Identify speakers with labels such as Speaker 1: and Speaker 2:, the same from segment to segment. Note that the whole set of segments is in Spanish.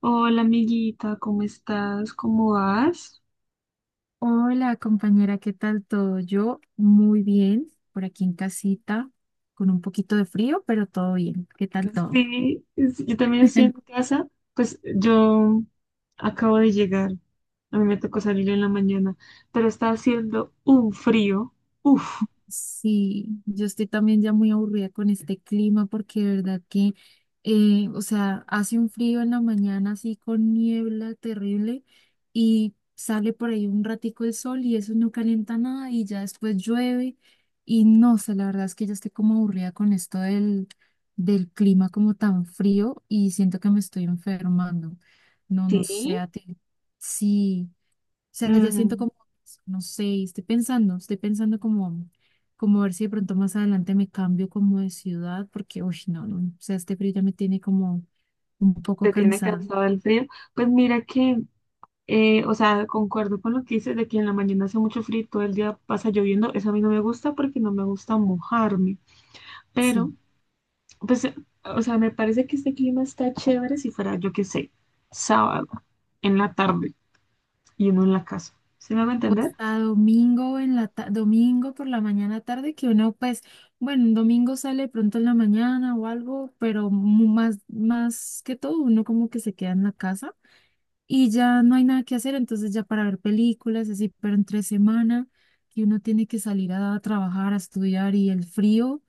Speaker 1: Hola amiguita, ¿cómo estás? ¿Cómo vas?
Speaker 2: Hola compañera, ¿qué tal todo? Yo muy bien, por aquí en casita, con un poquito de frío, pero todo bien. ¿Qué tal todo?
Speaker 1: Sí, sí, yo también estoy en casa. Pues yo acabo de llegar. A mí me tocó salir en la mañana, pero está haciendo un frío. Uf,
Speaker 2: Sí, yo estoy también ya muy aburrida con este clima porque de verdad que, o sea, hace un frío en la mañana así con niebla terrible y sale por ahí un ratico el sol y eso no calienta nada y ya después llueve y no, o sea, la verdad es que ya estoy como aburrida con esto del clima como tan frío y siento que me estoy enfermando. No, no sé,
Speaker 1: sí.
Speaker 2: a ti. Sí sea, ya siento
Speaker 1: Mm,
Speaker 2: como, no sé, estoy pensando como, como a ver si de pronto más adelante me cambio como de ciudad, porque, uy, no, no, o sea, este frío ya me tiene como un poco
Speaker 1: ¿te tiene
Speaker 2: cansada,
Speaker 1: cansado el frío? Pues mira que, o sea, concuerdo con lo que dices de que en la mañana hace mucho frío, y todo el día pasa lloviendo. Eso a mí no me gusta porque no me gusta mojarme.
Speaker 2: sí.
Speaker 1: Pero pues, o sea, me parece que este clima está chévere si fuera, yo qué sé, sábado, en la tarde y uno en la casa. ¿Sí me va a
Speaker 2: O
Speaker 1: entender?
Speaker 2: hasta domingo en la domingo por la mañana tarde, que uno, pues, bueno, un domingo sale pronto en la mañana o algo, pero más que todo, uno como que se queda en la casa y ya no hay nada que hacer, entonces ya para ver películas, así, pero entre semana, que uno tiene que salir a trabajar, a estudiar y el frío,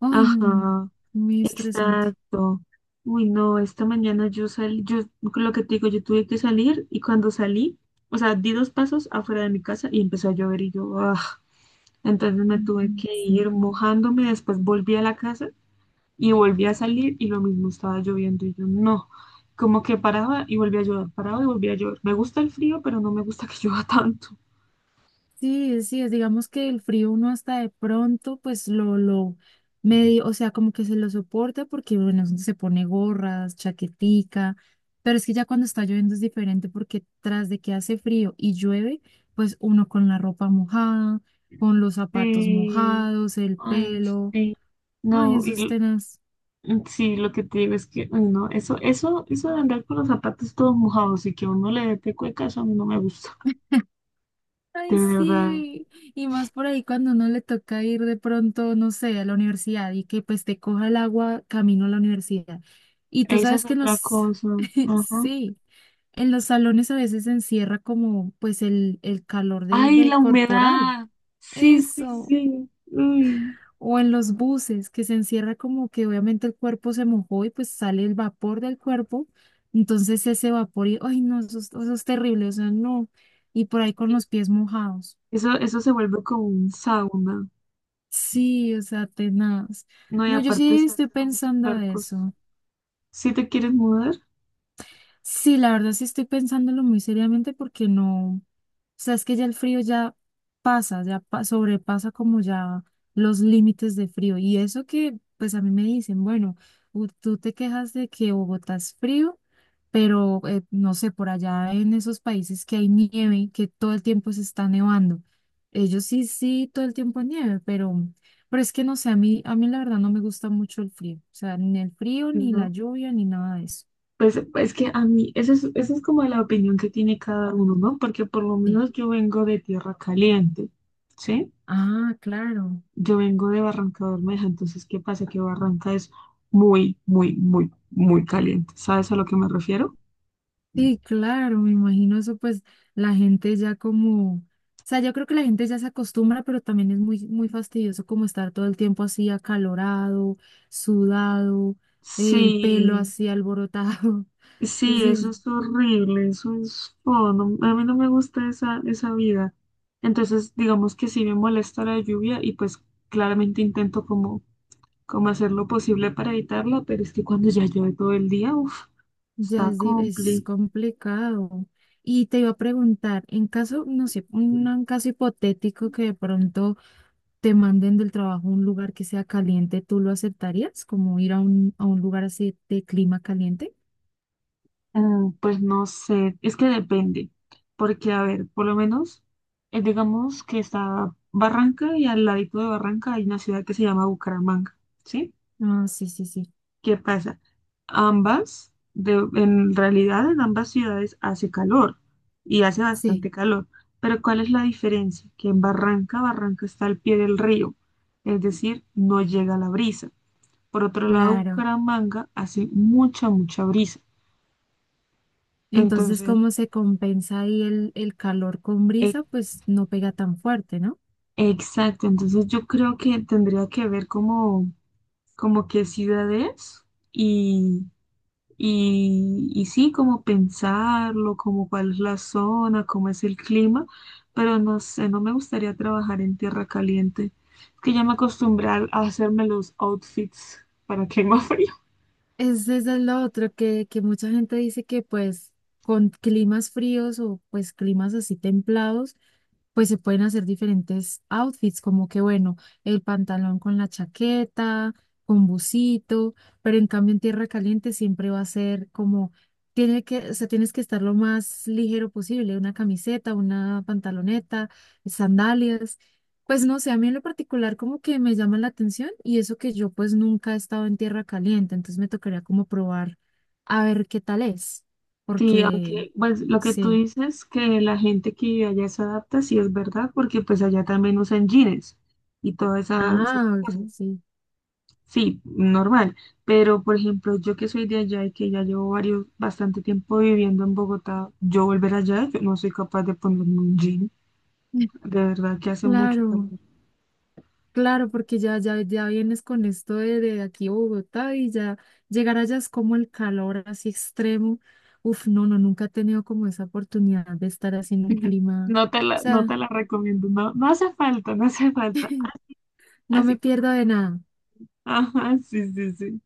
Speaker 2: ay, no, no, no,
Speaker 1: Ajá,
Speaker 2: muy estresante.
Speaker 1: exacto. Uy, no, esta mañana yo salí, yo con lo que te digo, yo tuve que salir y cuando salí, o sea, di dos pasos afuera de mi casa y empezó a llover y yo, ah, entonces me tuve
Speaker 2: Ujú,
Speaker 1: que
Speaker 2: sí.
Speaker 1: ir mojándome, después volví a la casa. Y volví a salir y lo mismo estaba lloviendo y yo no, como que paraba y volví a llover, paraba y volví a llover. Me gusta el frío, pero no me gusta que llueva tanto.
Speaker 2: Sí, sí, es, digamos que el frío uno hasta de pronto, pues lo medio, o sea, como que se lo soporta porque, bueno, se pone gorras, chaquetica, pero es que ya cuando está lloviendo es diferente porque tras de que hace frío y llueve, pues uno con la ropa mojada, con los zapatos
Speaker 1: Sí,
Speaker 2: mojados, el
Speaker 1: ay,
Speaker 2: pelo,
Speaker 1: sí.
Speaker 2: ay,
Speaker 1: No,
Speaker 2: eso es tenaz.
Speaker 1: mm, sí, lo que te digo es que, ay, no, eso de andar con los zapatos todos mojados y que a uno le dé cueca, eso a mí no me gusta,
Speaker 2: Ay,
Speaker 1: de verdad.
Speaker 2: sí, y más por ahí cuando uno le toca ir de pronto, no sé, a la universidad y que pues te coja el agua camino a la universidad. Y tú
Speaker 1: Esa es
Speaker 2: sabes que en
Speaker 1: otra
Speaker 2: los,
Speaker 1: cosa. Ajá.
Speaker 2: sí, en los salones a veces se encierra como pues el calor
Speaker 1: Ay,
Speaker 2: del
Speaker 1: la
Speaker 2: corporal,
Speaker 1: humedad. Sí, sí,
Speaker 2: eso,
Speaker 1: sí. Uy.
Speaker 2: o en los buses que se encierra como que obviamente el cuerpo se mojó y pues sale el vapor del cuerpo, entonces ese vapor y, ay, no, eso, eso es terrible, o sea, no, y por ahí con los pies mojados.
Speaker 1: Eso se vuelve como un sauna.
Speaker 2: Sí, o sea, tenaz.
Speaker 1: No, y
Speaker 2: No, yo
Speaker 1: aparte
Speaker 2: sí
Speaker 1: se
Speaker 2: estoy
Speaker 1: hacen unos
Speaker 2: pensando
Speaker 1: charcos.
Speaker 2: eso.
Speaker 1: Si te quieres mudar,
Speaker 2: Sí, la verdad sí estoy pensándolo muy seriamente porque no, o sea, es que ya el frío ya pasa, ya sobrepasa como ya los límites de frío. Y eso que, pues a mí me dicen, bueno, tú te quejas de que Bogotá es frío, pero no sé, por allá en esos países que hay nieve, que todo el tiempo se está nevando. Ellos sí, sí, todo el tiempo hay nieve, pero es que no sé, a mí la verdad no me gusta mucho el frío. O sea, ni el frío, ni la
Speaker 1: no.
Speaker 2: lluvia, ni nada de eso.
Speaker 1: Pues es que a mí, esa es como la opinión que tiene cada uno, ¿no? Porque por lo
Speaker 2: Sí.
Speaker 1: menos yo vengo de tierra caliente, ¿sí?
Speaker 2: Ah, claro.
Speaker 1: Yo vengo de Barranca Bermeja, entonces, ¿qué pasa? Que Barranca es muy, muy, muy, muy caliente. ¿Sabes a lo que me refiero?
Speaker 2: Sí, claro, me imagino eso, pues la gente ya como, o sea, yo creo que la gente ya se acostumbra, pero también es muy, muy fastidioso como estar todo el tiempo así acalorado, sudado, el pelo
Speaker 1: Sí.
Speaker 2: así alborotado.
Speaker 1: Sí, eso
Speaker 2: Sí,
Speaker 1: es horrible, eso es feo, a mí no me gusta esa, esa vida. Entonces, digamos que sí me molesta la lluvia y pues claramente intento como, como hacer lo posible para evitarla, pero es que cuando ya llueve todo el día, uff,
Speaker 2: ya
Speaker 1: está
Speaker 2: es, es
Speaker 1: complicado.
Speaker 2: complicado. Y te iba a preguntar, en caso, no sé, un caso hipotético que de pronto te manden del trabajo a un lugar que sea caliente, ¿tú lo aceptarías? Como ir a a un lugar así de clima caliente.
Speaker 1: Mm, pues no sé, es que depende, porque a ver, por lo menos, digamos que está Barranca y al ladito de Barranca hay una ciudad que se llama Bucaramanga, ¿sí?
Speaker 2: Ah, sí, sí, sí.
Speaker 1: ¿Qué pasa? Ambas, en realidad en ambas ciudades hace calor y hace
Speaker 2: Sí,
Speaker 1: bastante calor, pero ¿cuál es la diferencia? Que en Barranca, Barranca está al pie del río, es decir, no llega la brisa. Por otro lado,
Speaker 2: claro.
Speaker 1: Bucaramanga hace mucha, mucha brisa.
Speaker 2: Entonces,
Speaker 1: Entonces,
Speaker 2: ¿cómo se compensa ahí el calor con
Speaker 1: e-
Speaker 2: brisa? Pues no pega tan fuerte, ¿no?
Speaker 1: exacto, entonces yo creo que tendría que ver como, como qué ciudad es. Y sí, como pensarlo, como cuál es la zona, cómo es el clima, pero no sé, no me gustaría trabajar en tierra caliente. Es que ya me acostumbré a hacerme los outfits para clima frío.
Speaker 2: Es, eso es lo otro que mucha gente dice que pues con climas fríos o pues climas así templados pues se pueden hacer diferentes outfits, como que bueno, el pantalón con la chaqueta, con busito, pero en cambio en tierra caliente siempre va a ser como, tiene que, o sea, tienes que estar lo más ligero posible, una camiseta, una pantaloneta, sandalias. Pues no sé, a mí en lo particular como que me llama la atención y eso que yo pues nunca he estado en tierra caliente, entonces me tocaría como probar a ver qué tal es,
Speaker 1: Sí,
Speaker 2: porque
Speaker 1: aunque pues lo que tú
Speaker 2: sí.
Speaker 1: dices que la gente que vive allá se adapta, sí es verdad, porque pues allá también usan jeans y todas esas
Speaker 2: Ah,
Speaker 1: cosas.
Speaker 2: sí, sí.
Speaker 1: Sí, normal, pero por ejemplo, yo que soy de allá y que ya llevo varios, bastante tiempo viviendo en Bogotá, yo volver allá, yo no soy capaz de ponerme un jean, de verdad que hace mucho calor.
Speaker 2: Claro, claro, porque ya, ya, ya vienes con esto de aquí a Bogotá y ya llegar allá es como el calor así extremo. Uf, no, no, nunca he tenido como esa oportunidad de estar así en un clima. O
Speaker 1: No te la, no te
Speaker 2: sea,
Speaker 1: la recomiendo, no, no hace falta, no hace falta,
Speaker 2: no me
Speaker 1: así como
Speaker 2: pierdo de
Speaker 1: está.
Speaker 2: nada.
Speaker 1: Ajá, sí, sí, sí.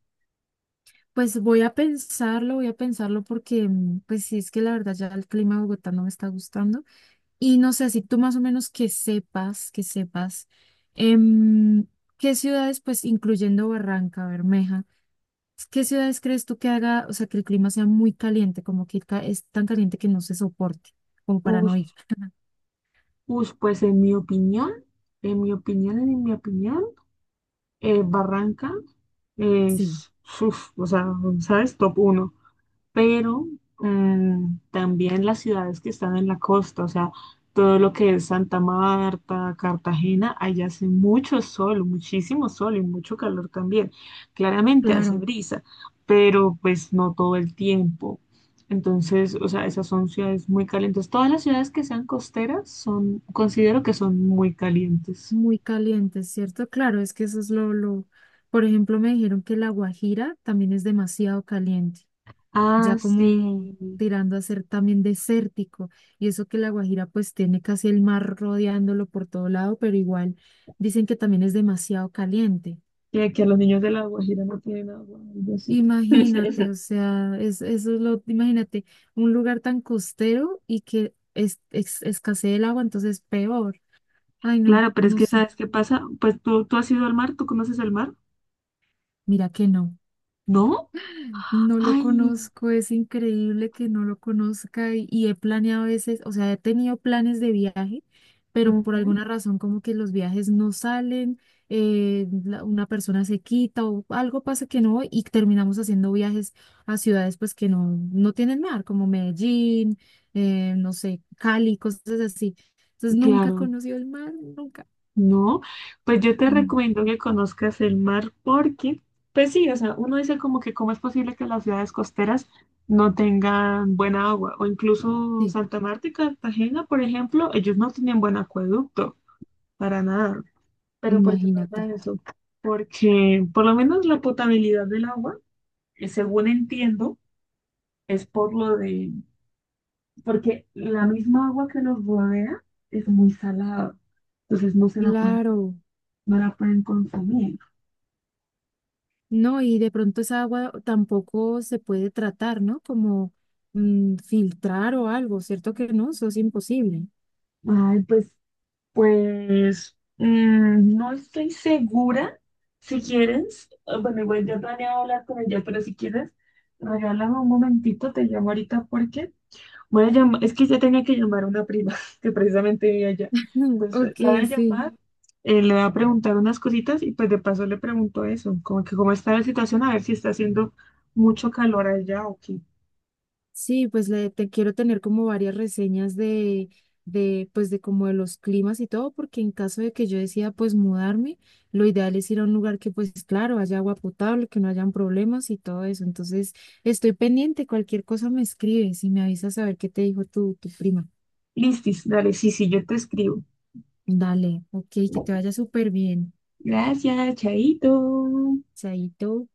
Speaker 2: Pues voy a pensarlo porque, mm, pues sí, es que la verdad ya el clima de Bogotá no me está gustando. Y no sé, si tú más o menos que sepas, em, ¿qué ciudades, pues incluyendo Barranca Bermeja? ¿Qué ciudades crees tú que haga, o sea, que el clima sea muy caliente, como que es tan caliente que no se soporte, como para no
Speaker 1: Ush,
Speaker 2: ir?
Speaker 1: ush, pues en mi opinión, en mi opinión, en mi opinión, Barranca
Speaker 2: Sí,
Speaker 1: es, uf, o sea, ¿sabes? Top uno. Pero mm, también las ciudades que están en la costa, o sea, todo lo que es Santa Marta, Cartagena, allá hace mucho sol, muchísimo sol y mucho calor también. Claramente hace
Speaker 2: claro,
Speaker 1: brisa, pero pues no todo el tiempo. Entonces, o sea, esas son ciudades muy calientes. Todas las ciudades que sean costeras son, considero que son muy calientes.
Speaker 2: muy caliente, ¿cierto? Claro, es que eso es lo, por ejemplo, me dijeron que La Guajira también es demasiado caliente,
Speaker 1: Ah,
Speaker 2: ya como
Speaker 1: sí.
Speaker 2: tirando a ser también desértico, y eso que La Guajira pues tiene casi el mar rodeándolo por todo lado, pero igual dicen que también es demasiado caliente.
Speaker 1: Y aquí a los niños de La Guajira no tienen agua, algo así.
Speaker 2: Imagínate, o sea, es, eso es lo, imagínate, un lugar tan costero y que es, escasee el agua, entonces peor. Ay, no,
Speaker 1: Claro, pero es
Speaker 2: no
Speaker 1: que
Speaker 2: sé.
Speaker 1: ¿sabes qué pasa? Pues tú has ido al mar, ¿tú conoces el mar?
Speaker 2: Mira que no.
Speaker 1: ¿No?
Speaker 2: No lo
Speaker 1: Ay,
Speaker 2: conozco, es increíble que no lo conozca y he planeado a veces, o sea, he tenido planes de viaje, pero por
Speaker 1: ujú,
Speaker 2: alguna razón como que los viajes no salen, una persona se quita o algo pasa que no voy y terminamos haciendo viajes a ciudades pues que no, no tienen mar, como Medellín, no sé, Cali, cosas así. Entonces nunca he
Speaker 1: claro,
Speaker 2: conocido el mar, nunca,
Speaker 1: no. Pues yo te
Speaker 2: no,
Speaker 1: recomiendo que conozcas el mar porque, pues sí, o sea, uno dice como que cómo es posible que las ciudades costeras no tengan buena agua, o incluso
Speaker 2: sí,
Speaker 1: Santa Marta y Cartagena, por ejemplo, ellos no tienen buen acueducto, para nada. Pero ¿por qué pasa
Speaker 2: imagínate.
Speaker 1: eso? Porque por lo menos la potabilidad del agua, según entiendo, es por lo de... porque la misma agua que los rodea es muy salada, entonces no se la pueden,
Speaker 2: Claro.
Speaker 1: no la pueden consumir.
Speaker 2: No, y de pronto esa agua tampoco se puede tratar, ¿no? Como mm, filtrar o algo, ¿cierto que no? Eso es imposible.
Speaker 1: Ay, pues, pues, mm, no estoy segura. Si quieres, bueno, igual yo planeaba hablar con ella, pero si quieres, regálame un momentito, te llamo ahorita porque voy a llamar, es que ya tenía que llamar a una prima que precisamente vive allá. Entonces
Speaker 2: Ok,
Speaker 1: la voy a
Speaker 2: sí.
Speaker 1: llamar, le voy a preguntar unas cositas y pues de paso le pregunto eso, como que cómo está la situación, a ver si está haciendo mucho calor allá o qué.
Speaker 2: Sí, pues le, te quiero tener como varias reseñas de, pues de como de los climas y todo, porque en caso de que yo decida pues mudarme, lo ideal es ir a un lugar que pues claro, haya agua potable, que no hayan problemas y todo eso. Entonces, estoy pendiente, cualquier cosa me escribes y me avisas a ver qué te dijo tu prima.
Speaker 1: Listis, dale, sí, sí, yo te escribo.
Speaker 2: Dale, ok, que te vaya súper bien.
Speaker 1: Gracias, chaito.
Speaker 2: Chaito.